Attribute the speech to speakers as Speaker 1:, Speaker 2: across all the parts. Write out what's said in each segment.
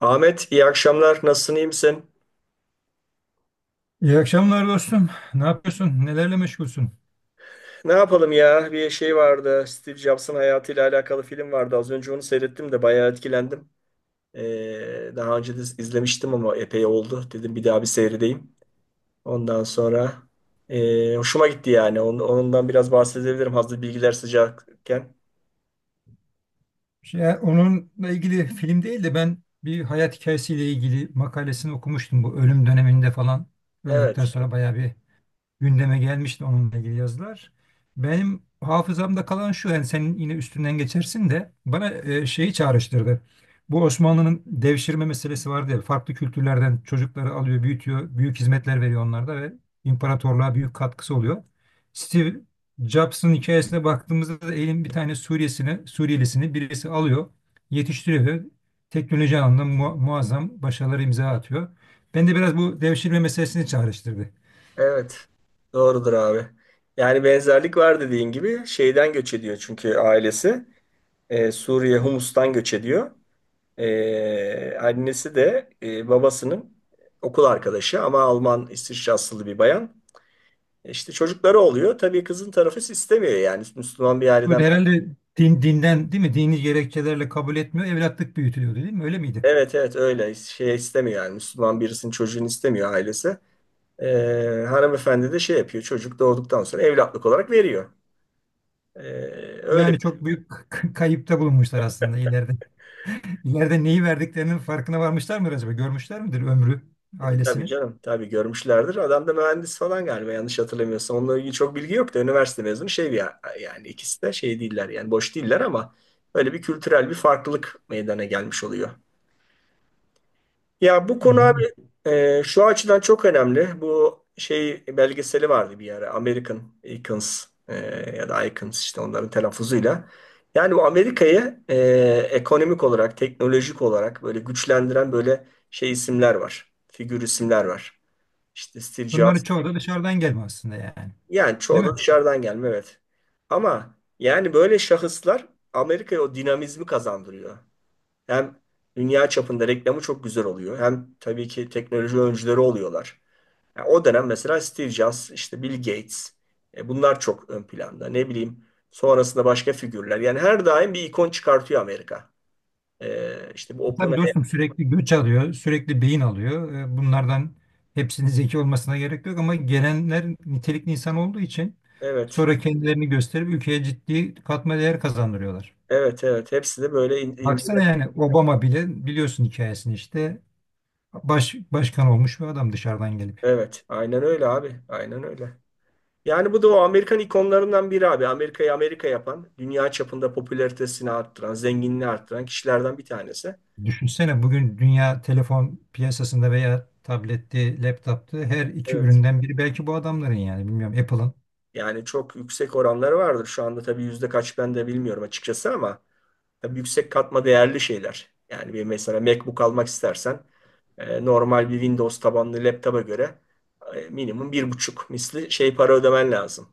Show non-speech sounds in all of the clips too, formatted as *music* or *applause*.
Speaker 1: Ahmet, iyi akşamlar. Nasılsın, iyi misin?
Speaker 2: İyi akşamlar dostum. Ne yapıyorsun? Nelerle meşgulsün?
Speaker 1: Ne yapalım ya? Bir şey vardı. Steve Jobs'ın hayatıyla alakalı film vardı. Az önce onu seyrettim de bayağı etkilendim. Daha önce de izlemiştim ama epey oldu. Dedim bir daha bir seyredeyim. Ondan sonra hoşuma gitti yani. Ondan biraz bahsedebilirim hazır bilgiler sıcakken.
Speaker 2: Onunla ilgili film değil de ben bir hayat hikayesiyle ilgili makalesini okumuştum bu ölüm döneminde falan. Öldükten
Speaker 1: Evet,
Speaker 2: sonra bayağı bir gündeme gelmişti onunla ilgili yazılar. Benim hafızamda kalan şu yani senin yine üstünden geçersin de bana şeyi çağrıştırdı. Bu Osmanlı'nın devşirme meselesi vardı ya, farklı kültürlerden çocukları alıyor, büyütüyor, büyük hizmetler veriyor onlarda ve imparatorluğa büyük katkısı oluyor. Steve Jobs'ın hikayesine baktığımızda da elin bir tane Suriyesini, Suriyelisini birisi alıyor, yetiştiriyor ve teknoloji alanında muazzam başarıları imza atıyor. Ben de biraz bu devşirme meselesini çağrıştırdı.
Speaker 1: evet. Doğrudur abi. Yani benzerlik var dediğin gibi. Şeyden göç ediyor çünkü ailesi. Suriye, Humus'tan göç ediyor. Annesi de babasının okul arkadaşı ama Alman İsviçre bir bayan. İşte çocukları oluyor. Tabii kızın tarafı istemiyor yani Müslüman bir
Speaker 2: Böyle
Speaker 1: aileden.
Speaker 2: herhalde dinden değil mi? Dini gerekçelerle kabul etmiyor. Evlatlık büyütülüyordu değil mi? Öyle miydi?
Speaker 1: Evet, evet, öyle şey istemiyor yani Müslüman birisinin çocuğunu istemiyor ailesi. Hanımefendi de şey yapıyor çocuk doğduktan sonra evlatlık olarak veriyor. Ee, öyle.
Speaker 2: Yani çok büyük kayıpta bulunmuşlar aslında ileride. *laughs* İleride neyi verdiklerinin farkına varmışlar mıdır acaba? Görmüşler midir ömrü,
Speaker 1: Tabii
Speaker 2: ailesini?
Speaker 1: canım. Tabii görmüşlerdir. Adam da mühendis falan galiba yanlış hatırlamıyorsam. Onunla ilgili çok bilgi yok da üniversite mezunu şey bir yani ikisi de şey değiller yani boş değiller ama böyle bir kültürel bir farklılık meydana gelmiş oluyor. Ya bu konu abi
Speaker 2: Yani
Speaker 1: şu açıdan çok önemli. Bu şey belgeseli vardı bir ara American Icons, ya da Icons işte onların telaffuzuyla. Yani bu Amerika'yı ekonomik olarak, teknolojik olarak böyle güçlendiren böyle şey isimler var. Figür isimler var. İşte Steve Jobs.
Speaker 2: bunların çoğu da dışarıdan gelme aslında yani.
Speaker 1: Yani
Speaker 2: Değil
Speaker 1: çoğu
Speaker 2: mi?
Speaker 1: da dışarıdan gelme, evet. Ama yani böyle şahıslar Amerika'ya o dinamizmi kazandırıyor. Hem dünya çapında reklamı çok güzel oluyor. Hem tabii ki teknoloji öncüleri oluyorlar. Yani o dönem mesela Steve Jobs, işte Bill Gates, bunlar çok ön planda. Ne bileyim sonrasında başka figürler. Yani her daim bir ikon çıkartıyor Amerika. E, işte bu
Speaker 2: E tabii
Speaker 1: OpenAI.
Speaker 2: dostum, sürekli göç alıyor, sürekli beyin alıyor. Bunlardan hepsinin zeki olmasına gerek yok ama gelenler nitelikli insan olduğu için
Speaker 1: Evet.
Speaker 2: sonra kendilerini gösterip ülkeye ciddi katma değer kazandırıyorlar.
Speaker 1: Evet, evet. Hepsi de böyle ince.
Speaker 2: Baksana yani Obama bile biliyorsun hikayesini, işte başkan olmuş bir adam dışarıdan gelip.
Speaker 1: Evet. Aynen öyle abi. Aynen öyle. Yani bu da o Amerikan ikonlarından biri abi. Amerika'yı Amerika yapan, dünya çapında popülaritesini arttıran, zenginliğini arttıran kişilerden bir tanesi.
Speaker 2: Düşünsene bugün dünya telefon piyasasında veya tabletti, laptoptu, her iki
Speaker 1: Evet.
Speaker 2: üründen biri belki bu adamların yani bilmiyorum Apple'ın.
Speaker 1: Yani çok yüksek oranları vardır. Şu anda tabii yüzde kaç ben de bilmiyorum açıkçası ama tabii yüksek katma değerli şeyler. Yani bir mesela MacBook almak istersen normal bir Windows tabanlı laptopa göre minimum 1,5 misli şey para ödemen lazım.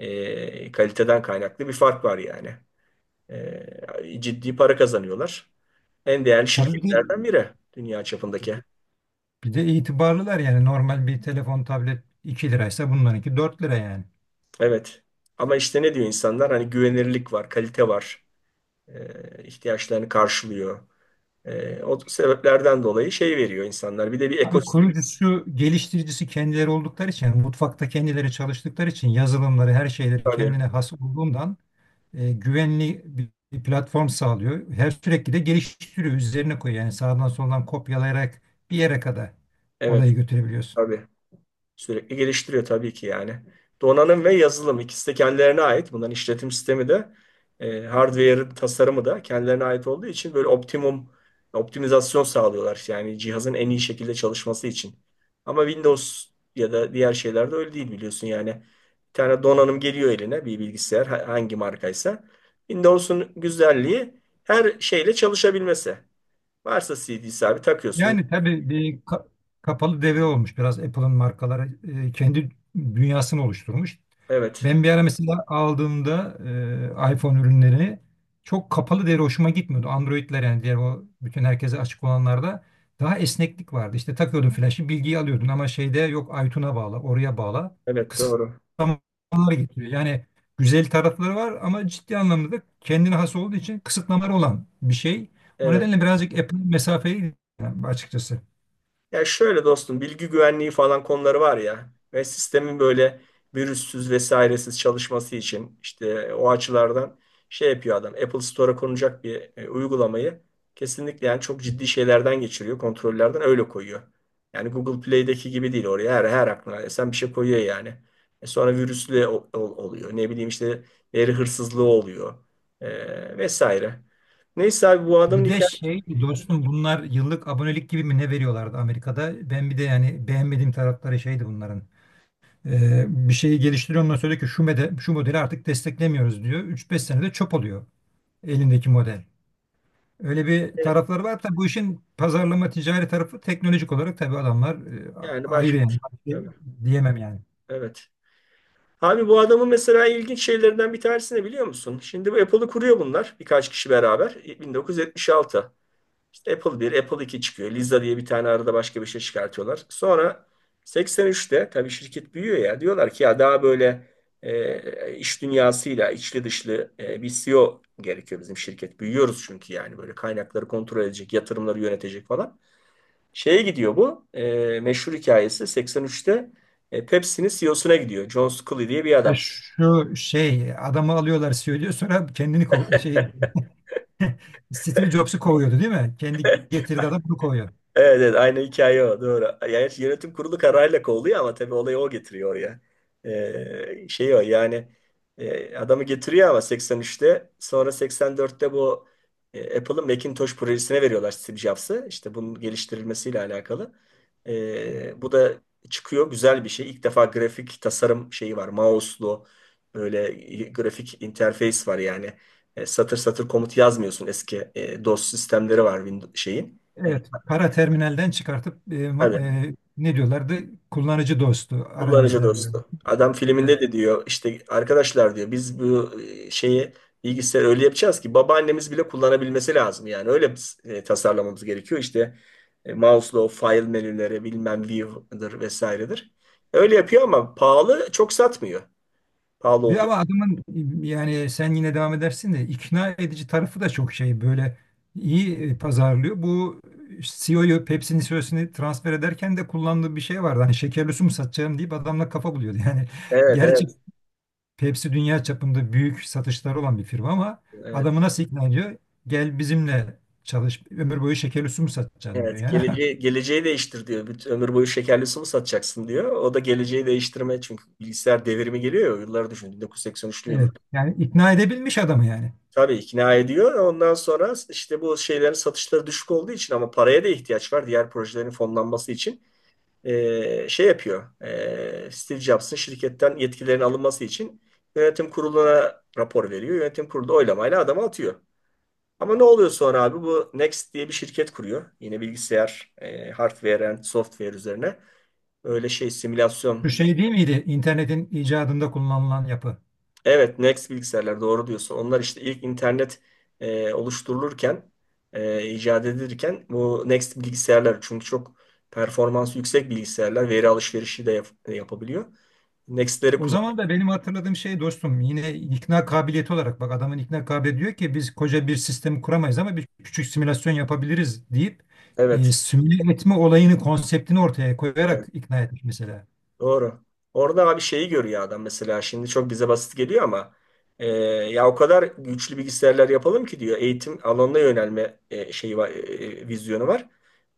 Speaker 1: Kaliteden kaynaklı bir fark var yani. Ciddi para kazanıyorlar. En değerli
Speaker 2: Tabii
Speaker 1: şirketlerden biri dünya çapındaki.
Speaker 2: bir de itibarlılar yani normal bir telefon tablet 2 liraysa bunlarınki 4 lira yani.
Speaker 1: Evet. Ama işte ne diyor insanlar? Hani güvenirlik var, kalite var. İhtiyaçlarını karşılıyor. O sebeplerden dolayı şey veriyor insanlar. Bir de bir
Speaker 2: Abi
Speaker 1: ekosistem
Speaker 2: kurucusu, geliştiricisi kendileri oldukları için, mutfakta kendileri çalıştıkları için yazılımları, her şeyleri
Speaker 1: tabii.
Speaker 2: kendine has olduğundan güvenli bir platform sağlıyor. Her sürekli de geliştiriyor, üzerine koyuyor. Yani sağdan soldan kopyalayarak bir yere kadar
Speaker 1: Evet,
Speaker 2: olayı götürebiliyorsun.
Speaker 1: tabii. Sürekli geliştiriyor tabii ki yani. Donanım ve yazılım ikisi de kendilerine ait. Bunların işletim sistemi de hardware tasarımı da kendilerine ait olduğu için böyle optimum optimizasyon sağlıyorlar. Yani cihazın en iyi şekilde çalışması için. Ama Windows ya da diğer şeylerde öyle değil biliyorsun yani. Bir tane donanım geliyor eline bir bilgisayar, hangi markaysa. Windows'un güzelliği her şeyle çalışabilmesi. Varsa CD'si abi takıyorsun.
Speaker 2: Yani tabii bir kapalı devre olmuş biraz, Apple'ın markaları kendi dünyasını oluşturmuş.
Speaker 1: Evet.
Speaker 2: Ben bir ara mesela aldığımda iPhone ürünlerini, çok kapalı devre, hoşuma gitmiyordu. Android'ler yani diğer o bütün herkese açık olanlarda daha esneklik vardı. İşte takıyordun flaşı, bilgiyi alıyordun ama şeyde yok, iTunes'a bağla, oraya bağla,
Speaker 1: Evet, doğru.
Speaker 2: kısıtlamalar getiriyor. Yani güzel tarafları var ama ciddi anlamda da kendine has olduğu için kısıtlamalar olan bir şey. O
Speaker 1: Evet.
Speaker 2: nedenle birazcık Apple mesafeli yani açıkçası.
Speaker 1: Ya şöyle dostum, bilgi güvenliği falan konuları var ya ve sistemin böyle virüssüz vesairesiz çalışması için işte o açılardan şey yapıyor adam. Apple Store'a konacak bir uygulamayı kesinlikle yani çok ciddi şeylerden geçiriyor, kontrollerden öyle koyuyor. Yani Google Play'deki gibi değil, oraya her aklına esen bir şey koyuyor yani. Sonra virüslü oluyor. Ne bileyim işte veri hırsızlığı oluyor, vesaire. Neyse abi, bu adamın
Speaker 2: Bir de
Speaker 1: hikayesi
Speaker 2: şey dostum, bunlar yıllık abonelik gibi mi ne veriyorlardı Amerika'da? Ben bir de yani beğenmediğim tarafları şeydi bunların. Bir şeyi geliştiriyor, ondan sonra diyor ki şu, şu modeli artık desteklemiyoruz diyor. Üç beş senede çöp oluyor elindeki model. Öyle bir tarafları var. Tabii bu işin pazarlama ticari tarafı, teknolojik olarak tabii adamlar
Speaker 1: yani
Speaker 2: ayrı yani.
Speaker 1: başka,
Speaker 2: Başka diyemem yani.
Speaker 1: evet. Abi bu adamın mesela ilginç şeylerinden bir tanesi ne biliyor musun? Şimdi bu Apple'ı kuruyor bunlar birkaç kişi beraber. 1976. İşte Apple 1, Apple 2 çıkıyor. Lisa diye bir tane arada başka bir şey çıkartıyorlar. Sonra 83'te tabii şirket büyüyor ya. Diyorlar ki ya daha böyle iş dünyasıyla içli dışlı bir CEO gerekiyor bizim şirket. Büyüyoruz çünkü yani böyle kaynakları kontrol edecek, yatırımları yönetecek falan. Şeye gidiyor bu. Meşhur hikayesi 83'te Pepsi'nin CEO'suna gidiyor. John Scully diye bir
Speaker 2: Ha,
Speaker 1: adam.
Speaker 2: şu şey adamı alıyorlar, söylüyor sonra kendini Steve Jobs'u kovuyordu değil mi? Kendi getirdi adam, bunu kovuyor.
Speaker 1: Evet, evet, aynı hikaye o, doğru. Yani işte yönetim kurulu kararıyla kovuluyor ama tabii olayı o getiriyor oraya. Şey o yani adamı getiriyor ama 83'te sonra 84'te bu Apple'ın Macintosh projesine veriyorlar Steve Jobs'ı. İşte bunun geliştirilmesiyle alakalı. Bu da çıkıyor güzel bir şey. İlk defa grafik tasarım şeyi var. Mouse'lu böyle grafik interface var yani. Satır satır komut yazmıyorsun, eski DOS sistemleri var Windows şeyin.
Speaker 2: Evet, para terminalden çıkartıp
Speaker 1: Hani
Speaker 2: ne diyorlardı? Kullanıcı dostu
Speaker 1: kullanıcı
Speaker 2: arayüzler diyor.
Speaker 1: dostu. Adam
Speaker 2: Evet.
Speaker 1: filminde de diyor işte, arkadaşlar diyor biz bu şeyi, bilgisayarı öyle yapacağız ki babaannemiz bile kullanabilmesi lazım. Yani öyle biz, tasarlamamız gerekiyor. İşte mouse'la file menüleri bilmem view'dır vesairedir. Öyle yapıyor ama pahalı, çok satmıyor. Pahalı
Speaker 2: Bir
Speaker 1: olduğu
Speaker 2: ama
Speaker 1: için.
Speaker 2: adamın yani, sen yine devam edersin de, ikna edici tarafı da çok şey böyle iyi, pazarlıyor. Bu CEO'yu, Pepsi'nin CEO'sunu transfer ederken de kullandığı bir şey vardı. Hani şekerli su mu satacağım deyip adamla kafa buluyordu. *laughs* Yani
Speaker 1: Evet,
Speaker 2: gerçi
Speaker 1: evet.
Speaker 2: Pepsi dünya çapında büyük satışları olan bir firma ama
Speaker 1: Evet.
Speaker 2: adamı nasıl ikna ediyor? Gel bizimle çalış, ömür boyu şekerli su mu satacaksın diyor
Speaker 1: Evet,
Speaker 2: yani. *laughs*
Speaker 1: geleceği, geleceği değiştir diyor. Bütün ömür boyu şekerli su mu satacaksın diyor. O da geleceği değiştirme çünkü bilgisayar devrimi geliyor ya, o yılları düşün. 1983'lü
Speaker 2: Evet.
Speaker 1: yıllar.
Speaker 2: Yani ikna edebilmiş adamı yani.
Speaker 1: Tabii ikna ediyor. Ondan sonra işte bu şeylerin satışları düşük olduğu için ama paraya da ihtiyaç var diğer projelerin fonlanması için. Şey yapıyor. Steve Jobs'ın şirketten yetkilerin alınması için yönetim kuruluna rapor veriyor. Yönetim kurulu da oylamayla adamı atıyor. Ama ne oluyor sonra abi? Bu Next diye bir şirket kuruyor. Yine bilgisayar, hardware and software üzerine. Öyle şey
Speaker 2: Şu
Speaker 1: simülasyon.
Speaker 2: şey değil miydi? İnternetin icadında kullanılan yapı.
Speaker 1: Evet, Next bilgisayarlar, doğru diyorsun. Onlar işte ilk internet oluşturulurken, icat edilirken bu Next bilgisayarlar çünkü çok performansı yüksek bilgisayarlar, veri alışverişi de yapabiliyor. Next'leri
Speaker 2: O
Speaker 1: kullan.
Speaker 2: zaman da benim hatırladığım şey dostum, yine ikna kabiliyeti olarak bak adamın ikna kabiliyeti, diyor ki biz koca bir sistemi kuramayız ama bir küçük simülasyon yapabiliriz deyip
Speaker 1: Evet.
Speaker 2: simüle etme olayını, konseptini ortaya koyarak
Speaker 1: e,
Speaker 2: ikna etmiş mesela.
Speaker 1: Doğru. Orada abi şeyi görüyor adam mesela, şimdi çok bize basit geliyor ama ya o kadar güçlü bilgisayarlar yapalım ki diyor, eğitim alanına yönelme şeyi var, vizyonu var.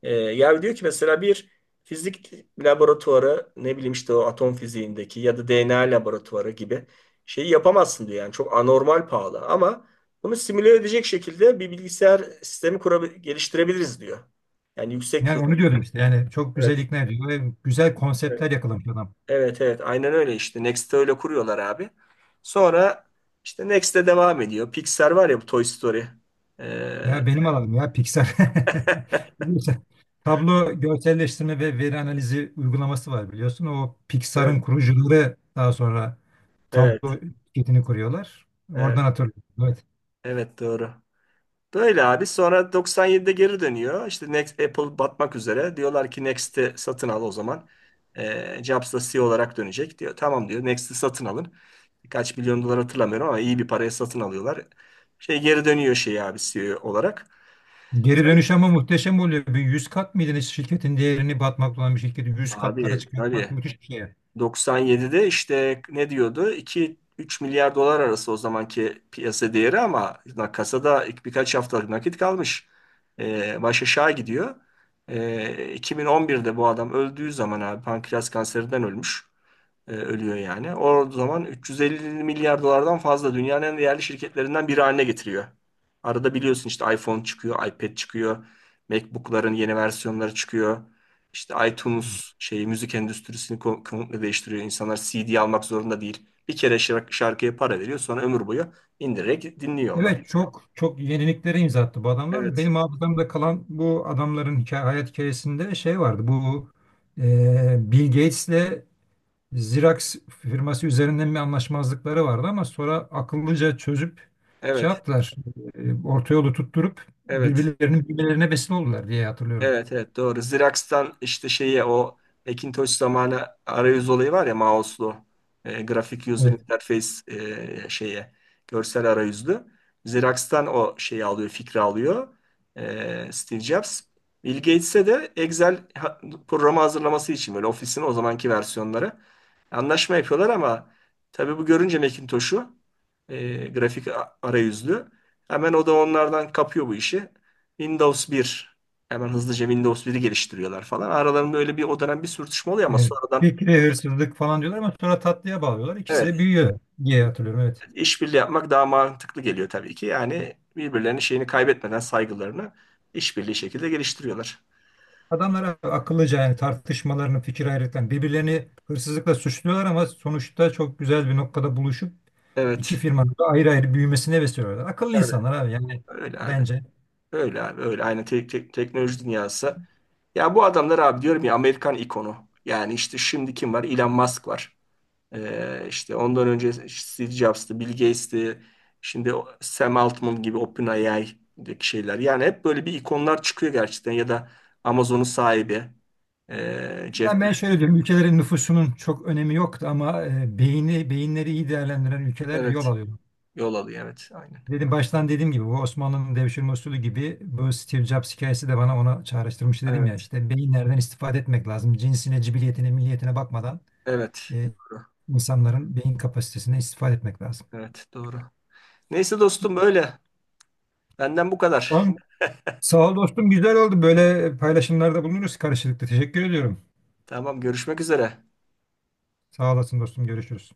Speaker 1: Ya diyor ki mesela bir fizik laboratuvarı, ne bileyim işte o atom fiziğindeki ya da DNA laboratuvarı gibi şeyi yapamazsın diyor yani, çok anormal pahalı ama bunu simüle edecek şekilde bir bilgisayar sistemi geliştirebiliriz diyor. Yani yüksek
Speaker 2: Yani
Speaker 1: hız.
Speaker 2: onu diyordum işte, yani çok güzel
Speaker 1: Evet,
Speaker 2: ikna ediyor ve güzel
Speaker 1: evet.
Speaker 2: konseptler yakalamış adam.
Speaker 1: Evet, evet, aynen öyle, işte Next'te öyle kuruyorlar abi. Sonra işte Next'te devam ediyor. Pixar var ya, bu Toy Story. Ee,
Speaker 2: Ya benim alanım ya Pixar.
Speaker 1: *laughs*
Speaker 2: *laughs* Biliyorsun, Tablo görselleştirme ve veri analizi uygulaması var biliyorsun. O
Speaker 1: evet,
Speaker 2: Pixar'ın kurucuları daha sonra Tablo
Speaker 1: evet,
Speaker 2: şirketini kuruyorlar.
Speaker 1: evet,
Speaker 2: Oradan hatırlıyorum. Evet.
Speaker 1: evet, doğru. Böyle abi, sonra 97'de geri dönüyor. İşte Next, Apple batmak üzere. Diyorlar ki Next'i satın al o zaman. Jobs da CEO olarak dönecek diyor. Tamam diyor, Next'i satın alın. Kaç milyon dolar hatırlamıyorum ama iyi bir paraya satın alıyorlar. Şey geri dönüyor şey abi, CEO olarak.
Speaker 2: Geri dönüş ama muhteşem oluyor. Bir 100 kat mıydı ne, şirketin değerini, batmakta olan bir şirketi 100 katlara
Speaker 1: Abi
Speaker 2: çıkartmak
Speaker 1: tabii
Speaker 2: müthiş bir şey.
Speaker 1: 97'de işte ne diyordu? 2-3 milyar dolar arası o zamanki piyasa değeri ama kasada ilk birkaç haftalık nakit kalmış. Baş aşağı gidiyor. 2011'de bu adam öldüğü zaman abi, pankreas kanserinden ölmüş ölüyor yani. O zaman 350 milyar dolardan fazla, dünyanın en değerli şirketlerinden biri haline getiriyor. Arada biliyorsun işte iPhone çıkıyor, iPad çıkıyor, MacBook'ların yeni versiyonları çıkıyor. İşte iTunes şeyi müzik endüstrisini komple değiştiriyor. İnsanlar CD almak zorunda değil. Bir kere şarkıya para veriyor, sonra ömür boyu indirerek dinliyor onu.
Speaker 2: Evet, çok çok yeniliklere imza attı bu adamlar.
Speaker 1: Evet,
Speaker 2: Benim hafızamda kalan bu adamların hayat hikayesinde şey vardı. Bill Gates'le Xerox firması üzerinden bir anlaşmazlıkları vardı ama sonra akıllıca çözüp şey
Speaker 1: evet,
Speaker 2: yaptılar. E, orta yolu tutturup
Speaker 1: evet.
Speaker 2: birbirlerine besin oldular diye hatırlıyorum.
Speaker 1: Evet, evet, doğru. Xerox'tan işte şeye, o Macintosh zamanı arayüz olayı var ya, mouse'lu grafik user
Speaker 2: Evet.
Speaker 1: interface, şeye, görsel arayüzlü. Xerox'tan o şeyi alıyor, fikri alıyor Steve Jobs. Bill Gates'e de Excel programı hazırlaması için, böyle ofisin o zamanki versiyonları anlaşma yapıyorlar ama tabii bu görünce Macintosh'u grafik arayüzlü hemen o da onlardan kapıyor bu işi. Windows 1. Hemen hızlıca Windows 1'i geliştiriyorlar falan. Aralarında öyle bir o dönem bir sürtüşme oluyor ama
Speaker 2: Evet.
Speaker 1: sonradan
Speaker 2: Fikri hırsızlık falan diyorlar ama sonra tatlıya bağlıyorlar. İkisi de
Speaker 1: evet,
Speaker 2: büyüyor diye hatırlıyorum. Evet.
Speaker 1: işbirliği yapmak daha mantıklı geliyor tabii ki. Yani birbirlerinin şeyini kaybetmeden, saygılarını işbirliği şekilde geliştiriyorlar.
Speaker 2: Adamlar akıllıca yani, tartışmalarını, fikir ayrılıklarını, birbirlerini hırsızlıkla suçluyorlar ama sonuçta çok güzel bir noktada buluşup iki
Speaker 1: Evet.
Speaker 2: firmanın da ayrı ayrı büyümesine vesile oluyorlar. Akıllı
Speaker 1: Tabii.
Speaker 2: insanlar abi yani
Speaker 1: Öyle abi.
Speaker 2: bence.
Speaker 1: Öyle abi. Öyle. Aynı teknoloji dünyası. Ya bu adamlar abi, diyorum ya, Amerikan ikonu. Yani işte şimdi kim var? Elon Musk var. İşte ondan önce Steve Jobs'tı, Bill Gates'ti, şimdi Sam Altman gibi OpenAI'deki şeyler. Yani hep böyle bir ikonlar çıkıyor gerçekten, ya da Amazon'un sahibi,
Speaker 2: Ya
Speaker 1: Jeff
Speaker 2: ben
Speaker 1: Bezos.
Speaker 2: şöyle diyorum, ülkelerin nüfusunun çok önemi yoktu ama beyinleri iyi değerlendiren ülkeler
Speaker 1: Evet,
Speaker 2: yol alıyor.
Speaker 1: yol alıyor. Evet, aynen.
Speaker 2: Dedim baştan dediğim gibi, bu Osmanlı'nın devşirme usulü gibi bu Steve Jobs hikayesi de bana ona çağrıştırmıştı, dedim ya,
Speaker 1: Evet,
Speaker 2: işte beyinlerden istifade etmek lazım. Cinsine, cibiliyetine, milliyetine bakmadan
Speaker 1: evet.
Speaker 2: e,
Speaker 1: Doğru.
Speaker 2: insanların beyin kapasitesine istifade etmek lazım.
Speaker 1: Evet, doğru. Neyse dostum, böyle. Benden bu kadar.
Speaker 2: Tamam. Sağ ol dostum, güzel oldu. Böyle paylaşımlarda bulunuruz karşılıklı. Teşekkür ediyorum.
Speaker 1: Tamam, görüşmek üzere.
Speaker 2: Sağ olasın dostum, görüşürüz.